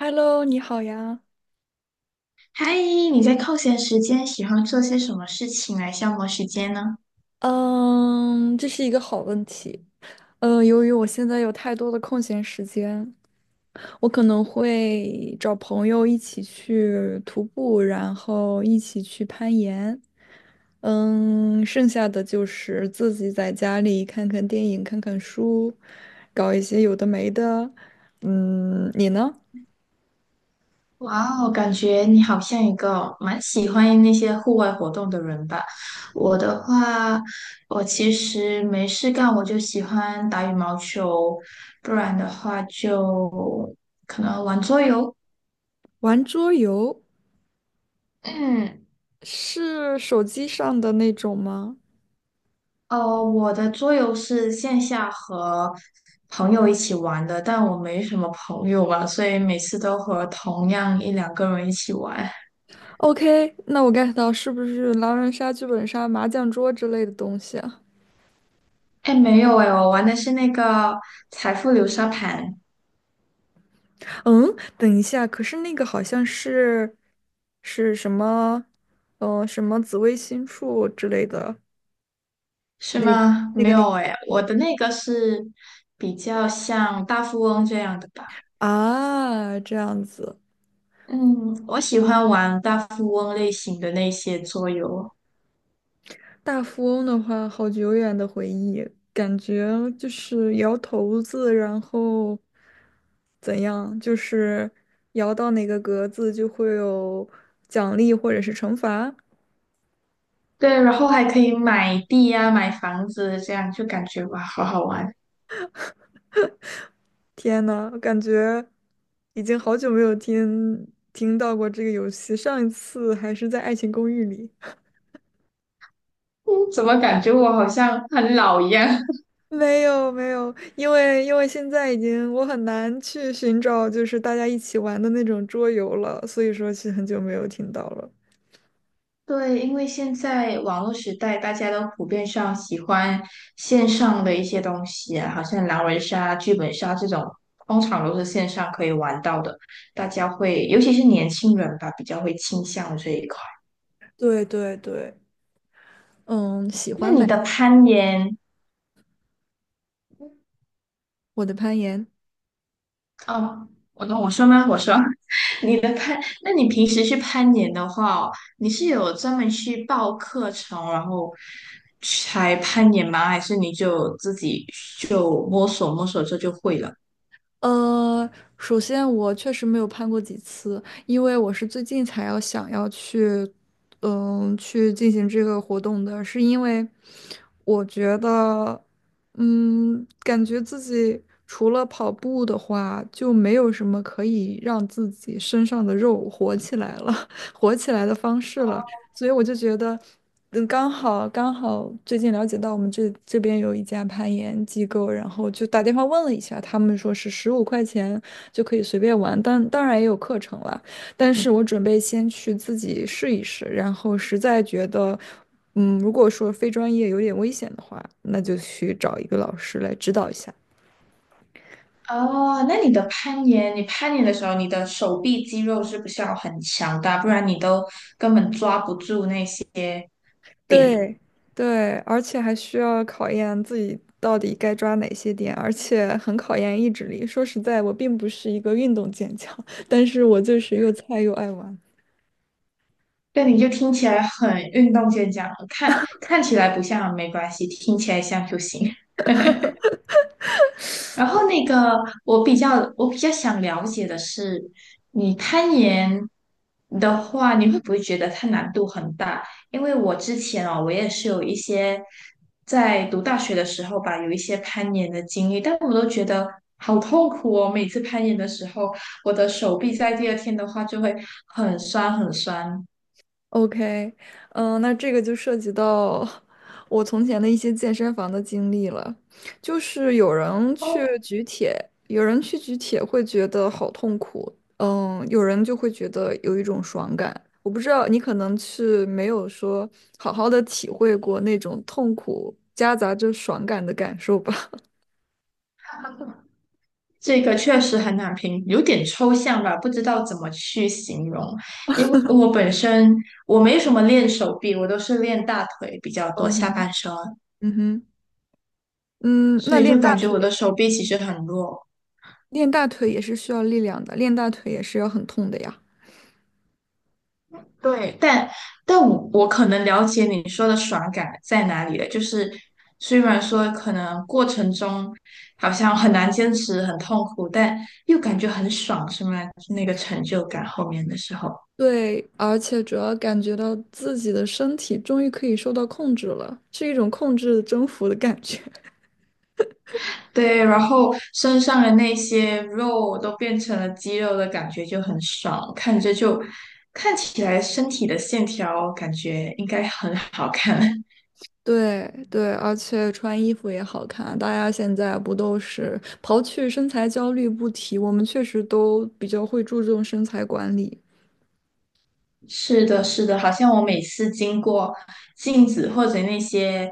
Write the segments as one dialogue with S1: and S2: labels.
S1: Hello，你好呀。
S2: 嗨，你在空闲时间喜欢做些什么事情来消磨时间呢？
S1: 嗯，这是一个好问题。由于我现在有太多的空闲时间，我可能会找朋友一起去徒步，然后一起去攀岩。剩下的就是自己在家里看看电影、看看书，搞一些有的没的。嗯，你呢？
S2: 哇哦，感觉你好像一个蛮喜欢那些户外活动的人吧。我的话，我其实没事干，我就喜欢打羽毛球，可能玩桌游。
S1: 玩桌游
S2: 嗯，
S1: 是手机上的那种吗？
S2: 哦，我的桌游是线下和朋友一起玩的，但我没什么朋友嘛，所以每次都和同样一两个人一起玩。
S1: OK,那我 get 到是不是狼人杀、剧本杀、麻将桌之类的东西啊？
S2: 哎，没有哎，我玩的是那个财富流沙盘，
S1: 嗯，等一下，可是那个好像是是什么，什么紫微星术之类的，
S2: 是
S1: 那
S2: 吗？
S1: 那
S2: 没
S1: 个领
S2: 有哎，我的那个是比较像大富翁这样的吧。
S1: 啊，这样子。
S2: 嗯，我喜欢玩大富翁类型的那些桌游，
S1: 大富翁的话，好久远的回忆，感觉就是摇骰子，然后怎样，就是摇到哪个格子就会有奖励或者是惩罚。
S2: 对，然后还可以买地呀、买房子，这样就感觉哇，好好玩。
S1: 天呐，我感觉已经好久没有听到过这个游戏，上一次还是在《爱情公寓》里。
S2: 嗯，怎么感觉我好像很老一样？
S1: 没有没有，因为现在已经我很难去寻找就是大家一起玩的那种桌游了，所以说是很久没有听到了。
S2: 对，因为现在网络时代，大家都普遍上喜欢线上的一些东西啊，好像狼人杀、剧本杀这种，通常都是线上可以玩到的。大家会，尤其是年轻人吧，比较会倾向这一块。
S1: 对对对，嗯，喜
S2: 那
S1: 欢
S2: 你
S1: 买
S2: 的攀岩，
S1: 我的攀岩。
S2: 哦，我说吗？我说，你的攀，那你平时去攀岩的话哦你是有专门去报课程，然后才攀岩吗？还是你就自己就摸索摸索这就会了？
S1: 呃，首先我确实没有攀过几次，因为我是最近才要想要去，去进行这个活动的，是因为我觉得，嗯，感觉自己除了跑步的话，就没有什么可以让自己身上的肉活起来了，活起来的方式了。所以我就觉得，刚好最近了解到我们这边有一家攀岩机构，然后就打电话问了一下，他们说是15块钱就可以随便玩，但当然也有课程了。但是我准备先去自己试一试，然后实在觉得，嗯，如果说非专业有点危险的话，那就去找一个老师来指导一下。
S2: 哦，那你的攀岩，你攀岩的时候，你的手臂肌肉是不是要很强大？不然你都根本抓不住那些
S1: 对
S2: 点。
S1: 对，而且还需要考验自己到底该抓哪些点，而且很考验意志力。说实在，我并不是一个运动健将，但是我就是又菜又爱玩。
S2: 对，你就听起来很运动健将，看起来不像没关系，听起来像就行。然后那个，我比较想了解的是，你攀岩的话，你会不会觉得它难度很大？因为我之前哦，我也是有一些在读大学的时候吧，有一些攀岩的经历，但是我都觉得好痛苦哦。每次攀岩的时候，我的手臂在第二天的话就会很酸很酸。
S1: OK,嗯，那这个就涉及到 我从前的一些健身房的经历了。就是有人去
S2: 哦。
S1: 举铁，有人去举铁会觉得好痛苦，嗯，有人就会觉得有一种爽感。我不知道你可能是没有说好好的体会过那种痛苦夹杂着爽感的感受吧。
S2: 这个确实很难评，有点抽象吧，不知道怎么去形容。因为我本身我没什么练手臂，我都是练大腿比较多，
S1: 嗯
S2: 下
S1: 哼。
S2: 半身，
S1: 嗯哼，嗯，
S2: 所
S1: 那
S2: 以
S1: 练
S2: 就
S1: 大
S2: 感觉我的
S1: 腿，
S2: 手臂其实很弱。
S1: 练大腿也是需要力量的，练大腿也是要很痛的呀。
S2: 对，但我可能了解你说的爽感在哪里了，就是虽然说可能过程中好像很难坚持，很痛苦，但又感觉很爽，是吗？那个成就感后面的时候。
S1: 对，而且主要感觉到自己的身体终于可以受到控制了，是一种控制征服的感觉。
S2: 对，然后身上的那些肉都变成了肌肉的感觉就很爽，看着就看起来身体的线条感觉应该很好看。
S1: 对对，而且穿衣服也好看。大家现在不都是刨去身材焦虑不提，我们确实都比较会注重身材管理。
S2: 是的，是的，好像我每次经过镜子或者那些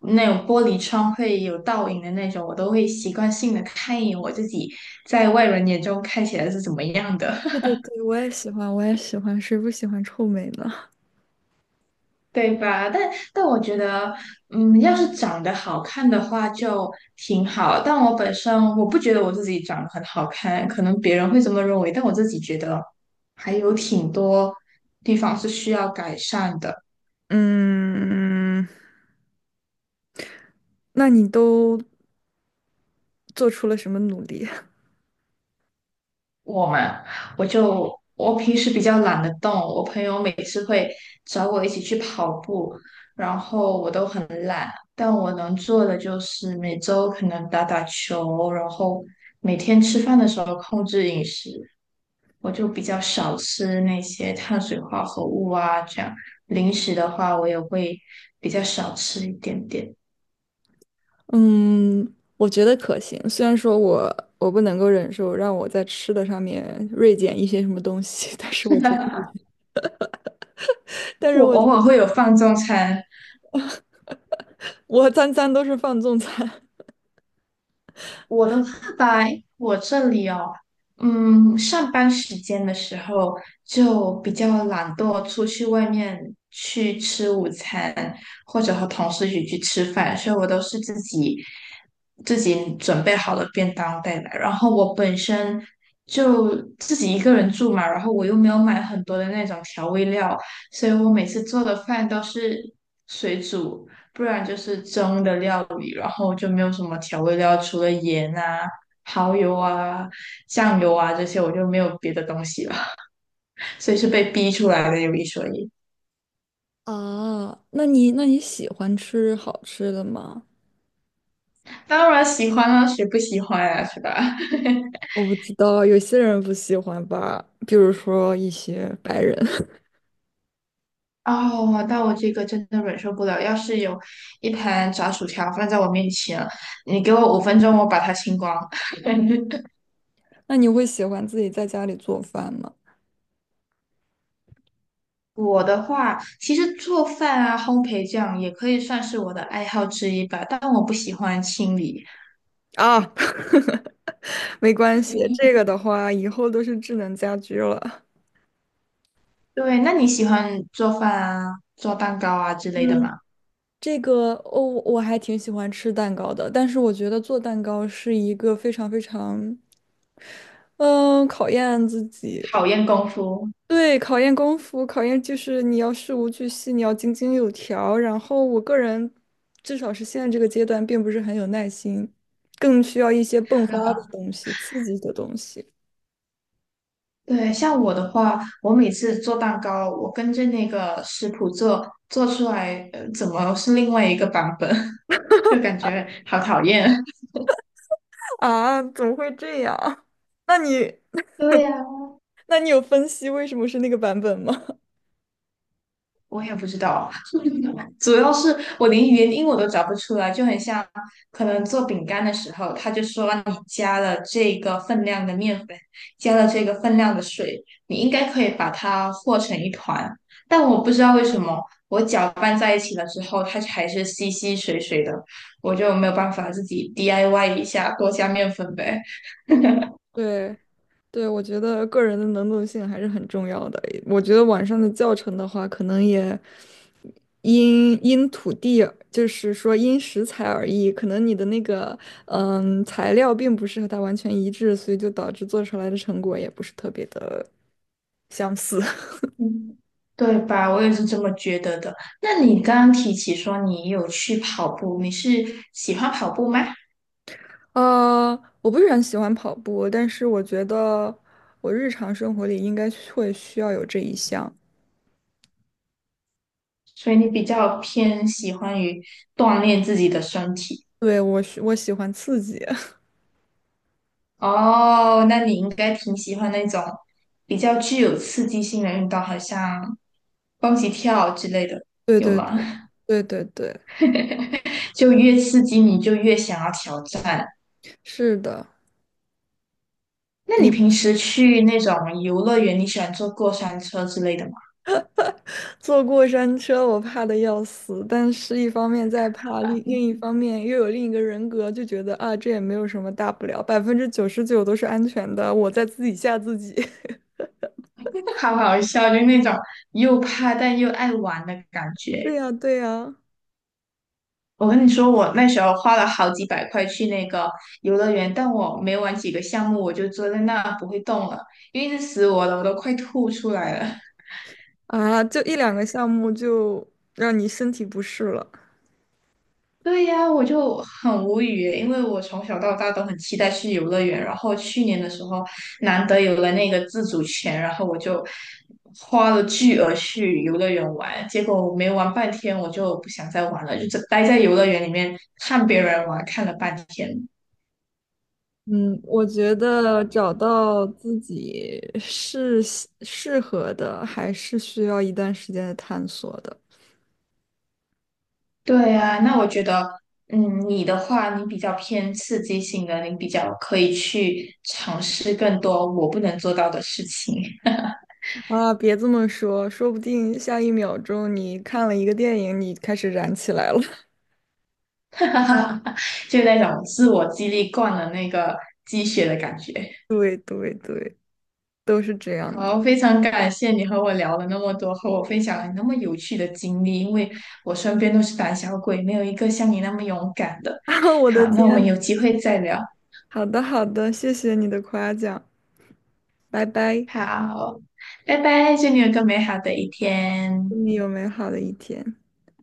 S2: 那种玻璃窗会有倒影的那种，我都会习惯性的看一眼我自己在外人眼中看起来是怎么样的。
S1: 对 对对，我也喜欢，我也喜欢，谁不喜欢臭美呢？
S2: 对吧？但我觉得，嗯，要是长得好看的话就挺好。但我本身我不觉得我自己长得很好看，可能别人会这么认为，但我自己觉得还有挺多地方是需要改善的。
S1: 嗯，那你都做出了什么努力？
S2: 我嘛，我就我平时比较懒得动，我朋友每次会找我一起去跑步，然后我都很懒，但我能做的就是每周可能打打球，然后每天吃饭的时候控制饮食。我就比较少吃那些碳水化合物啊，这样零食的话，我也会比较少吃一点点。
S1: 嗯，我觉得可行。虽然说我不能够忍受让我在吃的上面锐减一些什么东西，但是我觉得，但是
S2: 我
S1: 我觉
S2: 偶
S1: 得
S2: 尔会有放纵餐，
S1: 我餐餐都是放纵餐
S2: 我的话吧，我这里哦，嗯，上班时间的时候就比较懒惰，出去外面去吃午餐，或者和同事一起去吃饭，所以我都是自己准备好了便当带来。然后我本身就自己一个人住嘛，然后我又没有买很多的那种调味料，所以我每次做的饭都是水煮。不然就是蒸的料理，然后就没有什么调味料，除了盐啊、蚝油啊、酱油啊这些，我就没有别的东西了，所以是被逼出来的，有一说一。
S1: 啊 那你喜欢吃好吃的吗？
S2: 当然喜欢啊，谁不喜欢啊，是吧？
S1: 我不知道，有些人不喜欢吧，比如说一些白人。
S2: 哦，那我这个真的忍受不了。要是有一盘炸薯条放在我面前，你给我五分钟，我把它清光。
S1: 那你会喜欢自己在家里做饭吗？
S2: 我的话，其实做饭啊、烘焙这样也可以算是我的爱好之一吧，但我不喜欢清理。
S1: 啊，没关系，这个的话以后都是智能家居了。
S2: 对，那你喜欢做饭啊、做蛋糕啊之类的
S1: 嗯。
S2: 吗？
S1: 这个哦，我还挺喜欢吃蛋糕的，但是我觉得做蛋糕是一个非常非常，嗯，考验自己，
S2: 讨厌功夫，
S1: 对，考验功夫，考验就是你要事无巨细，你要井井有条。然后我个人，至少是现在这个阶段，并不是很有耐心，更需要一些迸发的东西，刺激的东西。
S2: 对，像我的话，我每次做蛋糕，我跟着那个食谱做，做出来，怎么是另外一个版本，就感觉好讨厌。
S1: 啊，怎么会这样？那你，
S2: 对呀，
S1: 那你有分析为什么是那个版本吗？
S2: 我也不知道。主要是我连原因我都找不出来，就很像可能做饼干的时候，他就说你加了这个分量的面粉，加了这个分量的水，你应该可以把它和成一团。但我不知道为什么，我搅拌在一起了之后，它还是稀稀水水的，我就没有办法自己 DIY 一下，多加面粉呗。
S1: 对，对，我觉得个人的能动性还是很重要的。我觉得网上的教程的话，可能也因土地，就是说因食材而异，可能你的那个嗯材料并不是和它完全一致，所以就导致做出来的成果也不是特别的相似。
S2: 嗯，对吧？我也是这么觉得的。那你刚刚提起说你有去跑步，你是喜欢跑步吗？
S1: 呃，我不是很喜欢跑步，但是我觉得我日常生活里应该会需要有这一项。
S2: 所以你比较偏喜欢于锻炼自己的身体
S1: 对，我喜欢刺激。
S2: 哦，那你应该挺喜欢那种比较具有刺激性的运动，好像蹦极跳之类的，
S1: 对
S2: 有
S1: 对
S2: 吗？
S1: 对对对对。
S2: 就越刺激你就越想要挑战。
S1: 是的，
S2: 那你
S1: 你不
S2: 平
S1: 是
S2: 时去那种游乐园，你喜欢坐过山车之类的吗？
S1: 坐过山车，我怕的要死，但是一方面在怕，另一方面又有另一个人格，就觉得啊，这也没有什么大不了，99%都是安全的，我在自己吓自己。
S2: 好好笑，就那种又怕但又爱玩的感
S1: 对
S2: 觉。
S1: 呀，对呀，
S2: 我跟你说，我那时候花了好几百块去那个游乐园，但我没玩几个项目，我就坐在那不会动了，因为一直死我了，我都快吐出来了。
S1: 啊，就一两个项目就让你身体不适了。
S2: 对呀，我就很无语耶因为我从小到大都很期待去游乐园，然后去年的时候难得有了那个自主权，然后我就花了巨额去游乐园玩，结果我没玩半天，我就不想再玩了，就只待在游乐园里面看别人玩，看了半天。
S1: 嗯，我觉得找到自己是适合的，还是需要一段时间的探索的。
S2: 对呀，那我觉得，嗯，你的话，你比较偏刺激性的，你比较可以去尝试更多我不能做到的事情，
S1: 啊，别这么说，说不定下一秒钟你看了一个电影，你开始燃起来了。
S2: 哈哈哈就那种自我激励惯了那个鸡血的感觉。
S1: 对对对，都是这样的。
S2: 好，非常感谢你和我聊了那么多，和我分享了你那么有趣的经历，因为我身边都是胆小鬼，没有一个像你那么勇敢的。
S1: 啊，我的
S2: 好，那我们
S1: 天，
S2: 有机会再聊。
S1: 好的好的，谢谢你的夸奖，拜拜，
S2: 好，拜拜，祝你有个美好的一
S1: 祝
S2: 天。
S1: 你有美好的一天。